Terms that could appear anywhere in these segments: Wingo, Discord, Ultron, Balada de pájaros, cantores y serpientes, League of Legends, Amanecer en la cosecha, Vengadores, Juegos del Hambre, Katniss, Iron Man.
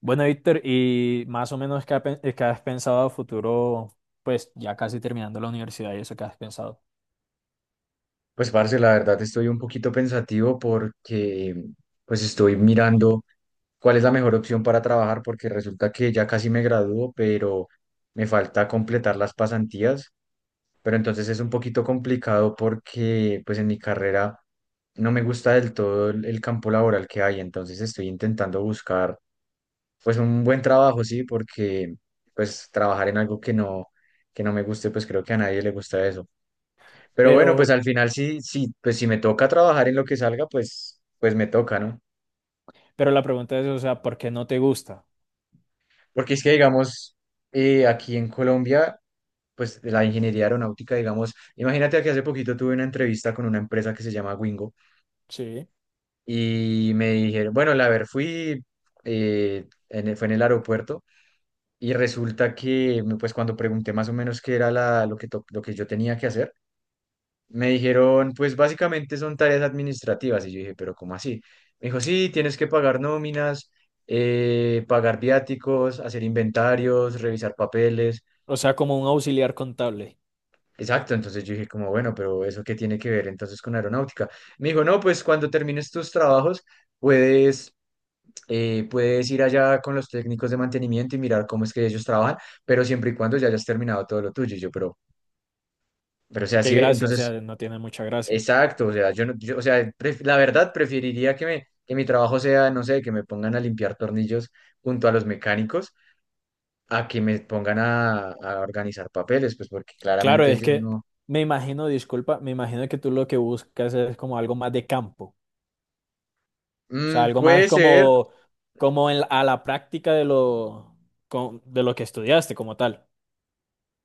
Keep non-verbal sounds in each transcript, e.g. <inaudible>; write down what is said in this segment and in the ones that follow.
Bueno, Víctor, y más o menos qué has pensado a futuro, pues ya casi terminando la universidad y eso que has pensado. Pues, parce, la verdad estoy un poquito pensativo porque pues estoy mirando cuál es la mejor opción para trabajar porque resulta que ya casi me gradúo, pero me falta completar las pasantías, pero entonces es un poquito complicado porque pues en mi carrera no me gusta del todo el campo laboral que hay, entonces estoy intentando buscar pues un buen trabajo, sí, porque pues trabajar en algo que no me guste, pues creo que a nadie le gusta eso. Pero bueno, pues Pero, al final sí, sí, pues si me toca trabajar en lo que salga, pues, pues me toca, ¿no? pero la pregunta es, o sea, ¿por qué no te gusta? Porque es que, digamos, aquí en Colombia, pues la ingeniería aeronáutica, digamos, imagínate que hace poquito tuve una entrevista con una empresa que se llama Wingo Sí. y me dijeron, bueno, la ver, fui, fue en el aeropuerto y resulta que, pues cuando pregunté más o menos qué era la, lo que, to- lo que yo tenía que hacer, me dijeron, pues básicamente son tareas administrativas. Y yo dije, pero ¿cómo así? Me dijo, sí, tienes que pagar nóminas, pagar viáticos, hacer inventarios, revisar papeles. O sea, como un auxiliar contable. Exacto, entonces yo dije como, bueno, pero ¿eso qué tiene que ver entonces con aeronáutica? Me dijo, no, pues cuando termines tus trabajos puedes, puedes ir allá con los técnicos de mantenimiento y mirar cómo es que ellos trabajan, pero siempre y cuando ya hayas terminado todo lo tuyo. Y yo, pero o sea, Qué sí, gracia, o sea, entonces no tiene mucha gracia. exacto, o sea, yo no, yo- o sea, la verdad preferiría que me, que mi trabajo sea, no sé, que me pongan a limpiar tornillos junto a los mecánicos, a que me pongan a organizar papeles, pues porque Claro, claramente es yo que no. me imagino, disculpa, me imagino que tú lo que buscas es como algo más de campo. O sea, Mm, algo más puede ser. como en a la práctica de lo que estudiaste como tal.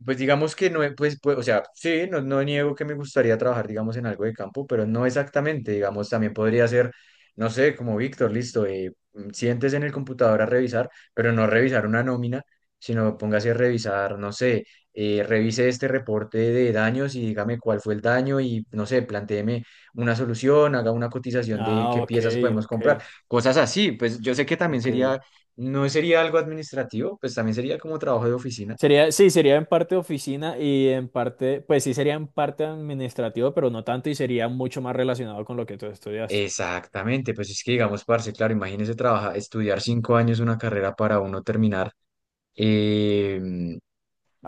Pues digamos que no, o sea, sí, no niego que me gustaría trabajar, digamos, en algo de campo, pero no exactamente, digamos, también podría ser, no sé, como Víctor, listo, siéntese en el computador a revisar, pero no revisar una nómina, sino póngase a revisar, no sé, revise este reporte de daños y dígame cuál fue el daño y, no sé, plantéeme una solución, haga una cotización de qué Ah, ok, piezas podemos comprar, ok, cosas así, pues yo sé que también ok. sería, no sería algo administrativo, pues también sería como trabajo de oficina. Sería, sí, sería en parte oficina y en parte, pues sí sería en parte administrativo, pero no tanto y sería mucho más relacionado con lo que tú estudiaste, Exactamente, pues es que digamos, parce, claro, imagínese trabajar, estudiar 5 años una carrera para uno terminar, eh,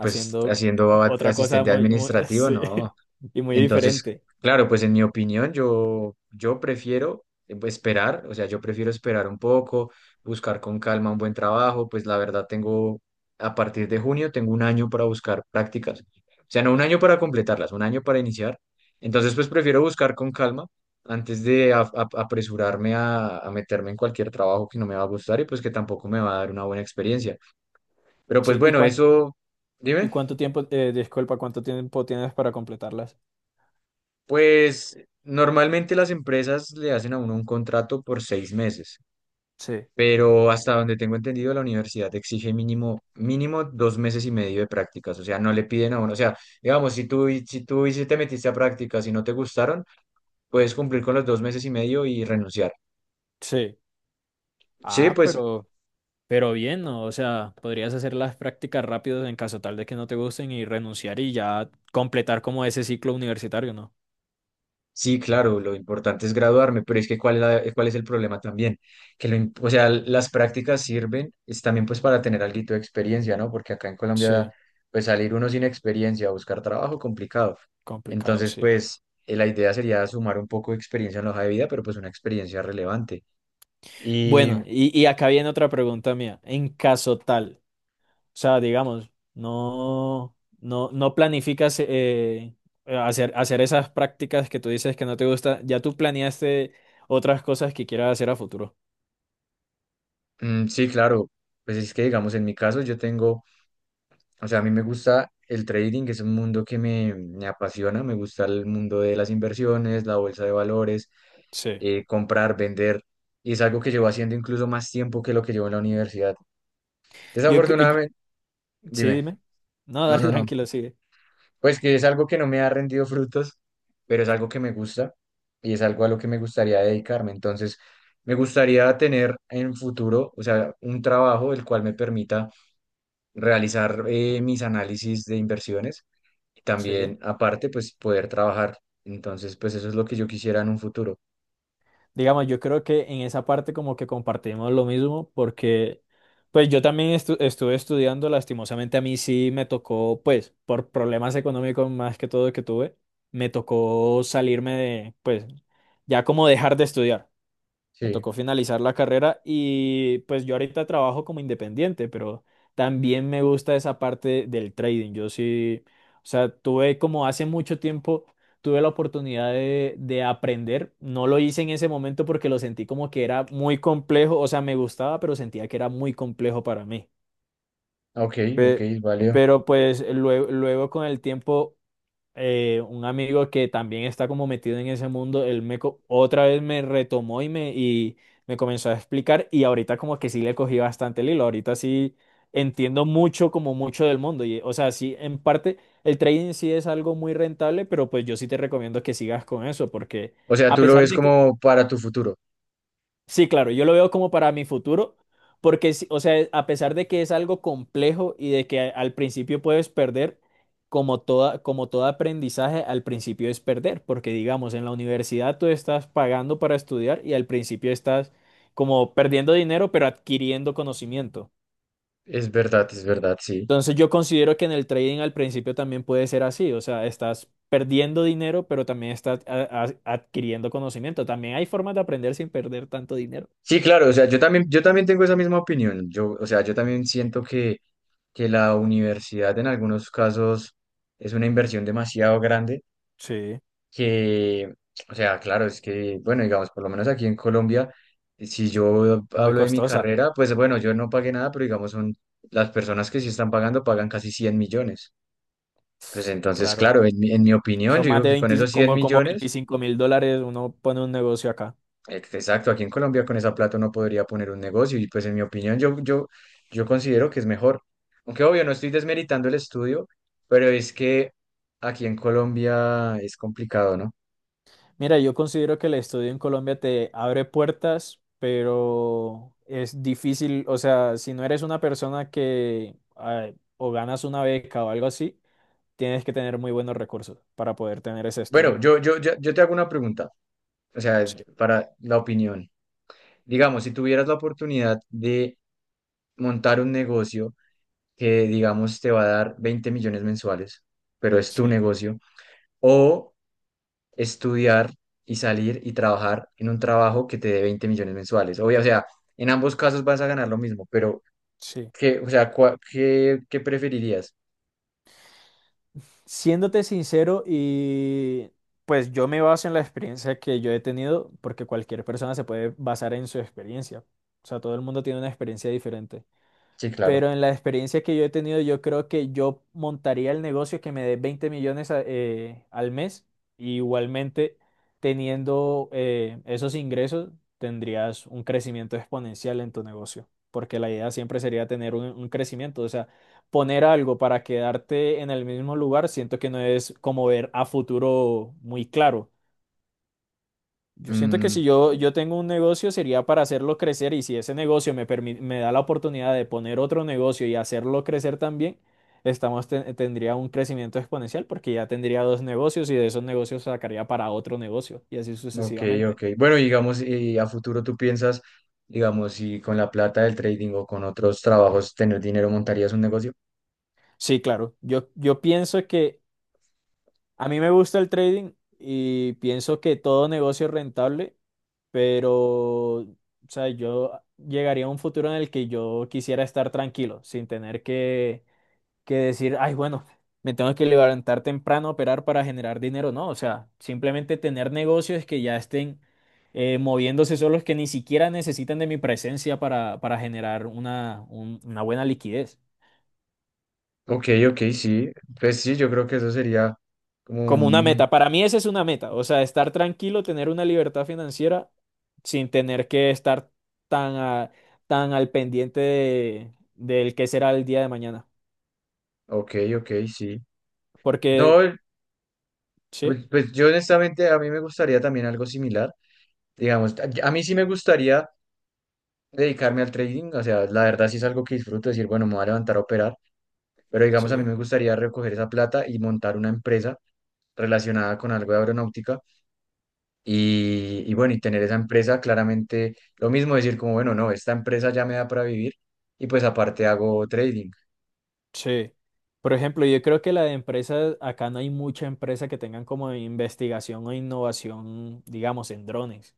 pues haciendo otra cosa asistente muy, <laughs> administrativo, sí, no. y muy Entonces, diferente. claro, pues en mi opinión, yo prefiero pues, esperar, o sea, yo prefiero esperar un poco, buscar con calma un buen trabajo, pues la verdad tengo, a partir de junio, tengo un año para buscar prácticas, o sea, no un año para completarlas, un año para iniciar. Entonces, pues prefiero buscar con calma antes de apresurarme a meterme en cualquier trabajo que no me va a gustar y pues que tampoco me va a dar una buena experiencia. Pero pues Sí, ¿y bueno, cuánto, eso, y dime. cuánto tiempo, disculpa, cuánto tiempo tienes para completarlas? Pues normalmente las empresas le hacen a uno un contrato por 6 meses, Sí. pero hasta donde tengo entendido, la universidad exige mínimo, mínimo 2 meses y medio de prácticas. O sea, no le piden a uno. O sea, digamos, si tú y si te metiste a prácticas y no te gustaron, puedes cumplir con los 2 meses y medio y renunciar. Sí. Sí, Ah, pues pero bien, ¿no? O sea, podrías hacer las prácticas rápidas en caso tal de que no te gusten y renunciar y ya completar como ese ciclo universitario, ¿no? sí, claro, lo importante es graduarme, pero es que cuál es, cuál es el problema también, o sea, las prácticas sirven es también pues para tener algo de experiencia, ¿no? Porque acá en Colombia Sí, pues salir uno sin experiencia a buscar trabajo complicado. complicado, Entonces, sí. pues la idea sería sumar un poco de experiencia en la hoja de vida, pero pues una experiencia relevante. Y Bueno, y acá viene otra pregunta mía. En caso tal, o sea, digamos, no, no, no planificas hacer esas prácticas que tú dices que no te gusta, ya tú planeaste otras cosas que quieras hacer a futuro. mm, sí, claro, pues es que digamos en mi caso yo tengo, o sea, a mí me gusta el trading, que es un mundo que me apasiona, me gusta el mundo de las inversiones, la bolsa de valores, Sí. Comprar, vender, y es algo que llevo haciendo incluso más tiempo que lo que llevo en la universidad. Yo, cre- y- Desafortunadamente, sí, dime, dime. No, no, dale, <laughs> no, no, tranquilo, sigue. pues que es algo que no me ha rendido frutos, pero es algo que me gusta y es algo a lo que me gustaría dedicarme. Entonces, me gustaría tener en futuro, o sea, un trabajo el cual me permita realizar mis análisis de inversiones y Sí. también, aparte, pues poder trabajar. Entonces, pues eso es lo que yo quisiera en un futuro. Digamos, yo creo que en esa parte como que compartimos lo mismo porque pues yo también estuve estudiando, lastimosamente a mí sí me tocó, pues por problemas económicos más que todo que tuve, me tocó salirme de, pues ya como dejar de estudiar. Me Sí, tocó finalizar la carrera y pues yo ahorita trabajo como independiente, pero también me gusta esa parte del trading. Yo sí, o sea, tuve como hace mucho tiempo, tuve la oportunidad de aprender. No lo hice en ese momento porque lo sentí como que era muy complejo, o sea, me gustaba, pero sentía que era muy complejo para mí. ok, ok, Pe- vale. Pero pues luego con el tiempo un amigo que también está como metido en ese mundo, él otra vez me retomó y me comenzó a explicar y ahorita como que sí le cogí bastante el hilo, ahorita sí entiendo mucho como mucho del mundo y o sea, sí en parte el trading sí es algo muy rentable, pero pues yo sí te recomiendo que sigas con eso porque O sea, a tú lo pesar ves de que como para tu futuro. Sí, claro, yo lo veo como para mi futuro, porque, sí, o sea, a pesar de que es algo complejo y de que al principio puedes perder, como toda, como todo aprendizaje, al principio es perder, porque digamos, en la universidad tú estás pagando para estudiar y al principio estás como perdiendo dinero, pero adquiriendo conocimiento. Es verdad, sí. Entonces yo considero que en el trading al principio también puede ser así, o sea, estás perdiendo dinero, pero también estás adquiriendo conocimiento. También hay formas de aprender sin perder tanto dinero. Sí, claro, o sea, yo también tengo esa misma opinión. Yo, o sea, yo también siento que la universidad en algunos casos es una inversión demasiado grande Sí. que, o sea, claro, es que, bueno, digamos, por lo menos aquí en Colombia, si yo Es muy hablo de mi costosa, carrera, pues bueno, yo no pagué nada, pero digamos, son las personas que sí están pagando pagan casi 100 millones. Pues entonces, claro. claro, en mi opinión, Son yo más digo de que con 20, esos cien como millones 25.000 dólares, uno pone un negocio acá. Exacto, aquí en Colombia con esa plata uno podría poner un negocio y pues en mi opinión yo considero que es mejor. Aunque obvio, no estoy desmeritando el estudio, pero es que aquí en Colombia es complicado, ¿no? Mira, yo considero que el estudio en Colombia te abre puertas, pero es difícil, o sea, si no eres una persona que ay, o ganas una beca o algo así, tienes que tener muy buenos recursos para poder tener ese Bueno, estudio. Yo te hago una pregunta, o sea, Sí, para la opinión. Digamos, si tuvieras la oportunidad de montar un negocio que, digamos, te va a dar 20 millones mensuales, pero es tu sí, negocio, o estudiar y salir y trabajar en un trabajo que te dé 20 millones mensuales. Obvio, o sea, en ambos casos vas a ganar lo mismo, pero sí. ¿qué, o sea, qué, qué preferirías? Siéndote sincero y pues yo me baso en la experiencia que yo he tenido porque cualquier persona se puede basar en su experiencia. O sea, todo el mundo tiene una experiencia diferente. Sí, claro. Pero en la experiencia que yo he tenido, yo creo que yo montaría el negocio que me dé 20 millones al mes. Y igualmente, teniendo esos ingresos, tendrías un crecimiento exponencial en tu negocio. Porque la idea siempre sería tener un crecimiento. O sea, poner algo para quedarte en el mismo lugar, siento que no es como ver a futuro muy claro. Yo siento que Mm, si yo tengo un negocio sería para hacerlo crecer y si ese negocio me da la oportunidad de poner otro negocio y hacerlo crecer también, tendría un crecimiento exponencial porque ya tendría dos negocios y de esos negocios sacaría para otro negocio y así ok, sucesivamente. ok. Bueno, y digamos, y a futuro tú piensas, digamos, si con la plata del trading o con otros trabajos tener dinero montarías un negocio. Sí, claro, yo pienso que a mí me gusta el trading y pienso que todo negocio es rentable, pero o sea, yo llegaría a un futuro en el que yo quisiera estar tranquilo, sin tener que decir, ay, bueno, me tengo que levantar temprano a operar para generar dinero. No, o sea, simplemente tener negocios que ya estén moviéndose solos, que ni siquiera necesitan de mi presencia para generar una buena liquidez. Ok, ok, sí. Pues sí, yo creo que eso sería como Como una un... meta. Para mí esa es una meta. O sea, estar tranquilo, tener una libertad financiera sin tener que estar tan, a- tan al pendiente de, del qué será el día de mañana. Ok, ok, sí. Porque, No, sí, pues, pues yo honestamente a mí me gustaría también algo similar. Digamos, a mí sí me gustaría dedicarme al trading, o sea, la verdad sí es algo que disfruto, decir, bueno, me voy a levantar a operar, pero digamos, a mí sí. me gustaría recoger esa plata y montar una empresa relacionada con algo de aeronáutica y bueno, y tener esa empresa claramente lo mismo, decir como, bueno, no, esta empresa ya me da para vivir y pues aparte hago trading. Sí. Por ejemplo, yo creo que la de empresas, acá no hay mucha empresa que tengan como investigación o innovación, digamos, en drones.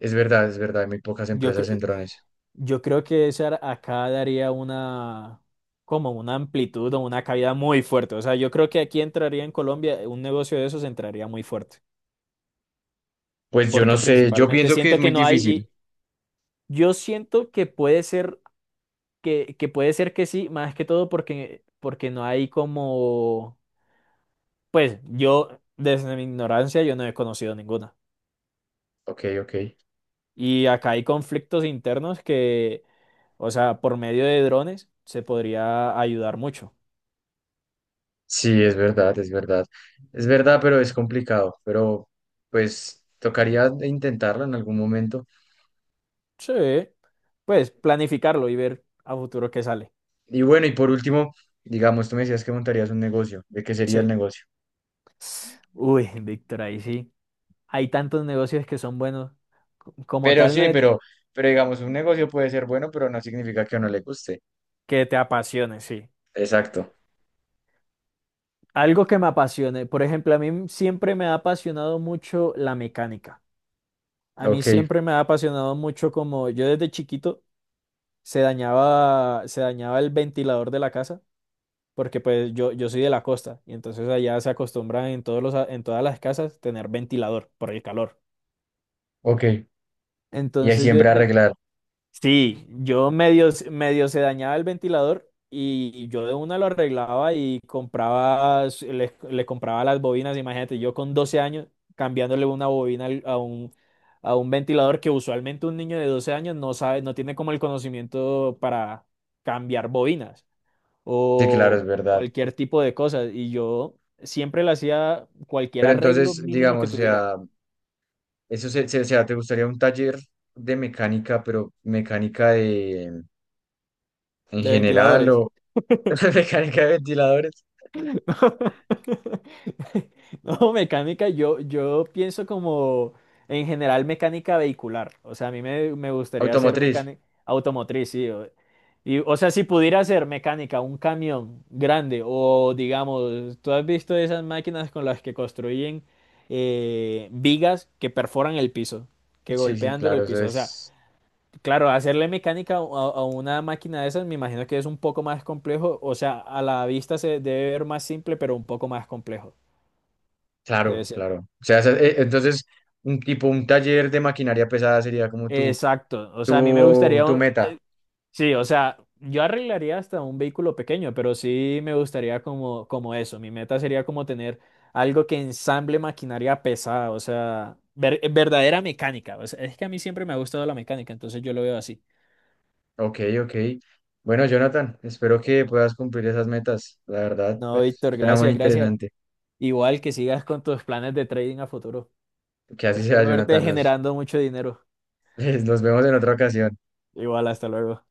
Es verdad, hay muy pocas Yo empresas creo, en drones. yo creo que esa acá daría como una amplitud o una caída muy fuerte. O sea, yo creo que aquí entraría en Colombia, un negocio de esos entraría muy fuerte. Pues yo no Porque sé, yo principalmente pienso que es siento que muy no hay, difícil. y yo siento que puede ser que puede ser que sí, más que todo porque no hay como Pues yo, desde mi ignorancia, yo no he conocido ninguna. Ok, ok. Y acá hay conflictos internos que, o sea, por medio de drones se podría ayudar mucho. Sí, es verdad, es verdad. Es verdad, pero es complicado. Pero pues tocaría intentarlo en algún momento. Sí. Pues planificarlo y ver a futuro qué sale. Y bueno, y por último, digamos, tú me decías que montarías un negocio. ¿De qué sería el Sí. negocio? Uy, Víctor, ahí sí. Hay tantos negocios que son buenos. Como Pero tal, no sí, es pero digamos, un negocio puede ser bueno, pero no significa que a uno le guste. que te apasione, sí. Exacto. Algo que me apasione. Por ejemplo, a mí siempre me ha apasionado mucho la mecánica. A mí Ok, siempre me ha apasionado mucho como yo desde chiquito. Se dañaba el ventilador de la casa, porque pues yo soy de la costa, y entonces allá se acostumbran en todos los, a- en todas las casas tener ventilador por el calor. ok. Y es Entonces yo, siempre arreglar. sí, yo medio se dañaba el ventilador y yo de una lo arreglaba y compraba, le compraba las bobinas, imagínate, yo con 12 años cambiándole una bobina a un ventilador que usualmente un niño de 12 años no sabe, no tiene como el conocimiento para cambiar bobinas. Sí, claro, es O verdad. cualquier tipo de cosas. Y yo siempre le hacía cualquier Pero arreglo entonces, mínimo que digamos, o tuviera sea, o sea, ¿te gustaría un taller de mecánica, pero mecánica de en de general? ventiladores. <laughs> Mecánica de ventiladores. <laughs> No, mecánica, yo pienso como en general mecánica vehicular. O sea, a mí me gustaría hacer Automotriz. mecánica automotriz, sí. O sea, si pudiera hacer mecánica, un camión grande o digamos, tú has visto esas máquinas con las que construyen vigas que perforan el piso, que Sí, sí, golpean duro claro, el eso piso. O sea, es. claro, hacerle mecánica a una máquina de esas me imagino que es un poco más complejo, o sea, a la vista se debe ver más simple, pero un poco más complejo, debe Claro, ser. claro. O sea, En- entonces, un tipo, un taller de maquinaria pesada sería como Exacto, o sea, a mí me gustaría, tu meta. Sí, o sea, yo arreglaría hasta un vehículo pequeño, pero sí me gustaría como, eso, mi meta sería como tener algo que ensamble maquinaria pesada, o sea, verdadera mecánica, o sea, es que a mí siempre me ha gustado la mecánica, entonces yo lo veo así. Ok, ok. Bueno, Jonathan, espero que puedas cumplir esas metas. La verdad, No, pues, Víctor, suena muy gracias, gracias. interesante. Igual que sigas con tus planes de trading a futuro. Que así sea, Espero verte Jonathan. Nos, generando mucho dinero. <laughs> nos vemos en otra ocasión. Igual, hasta luego.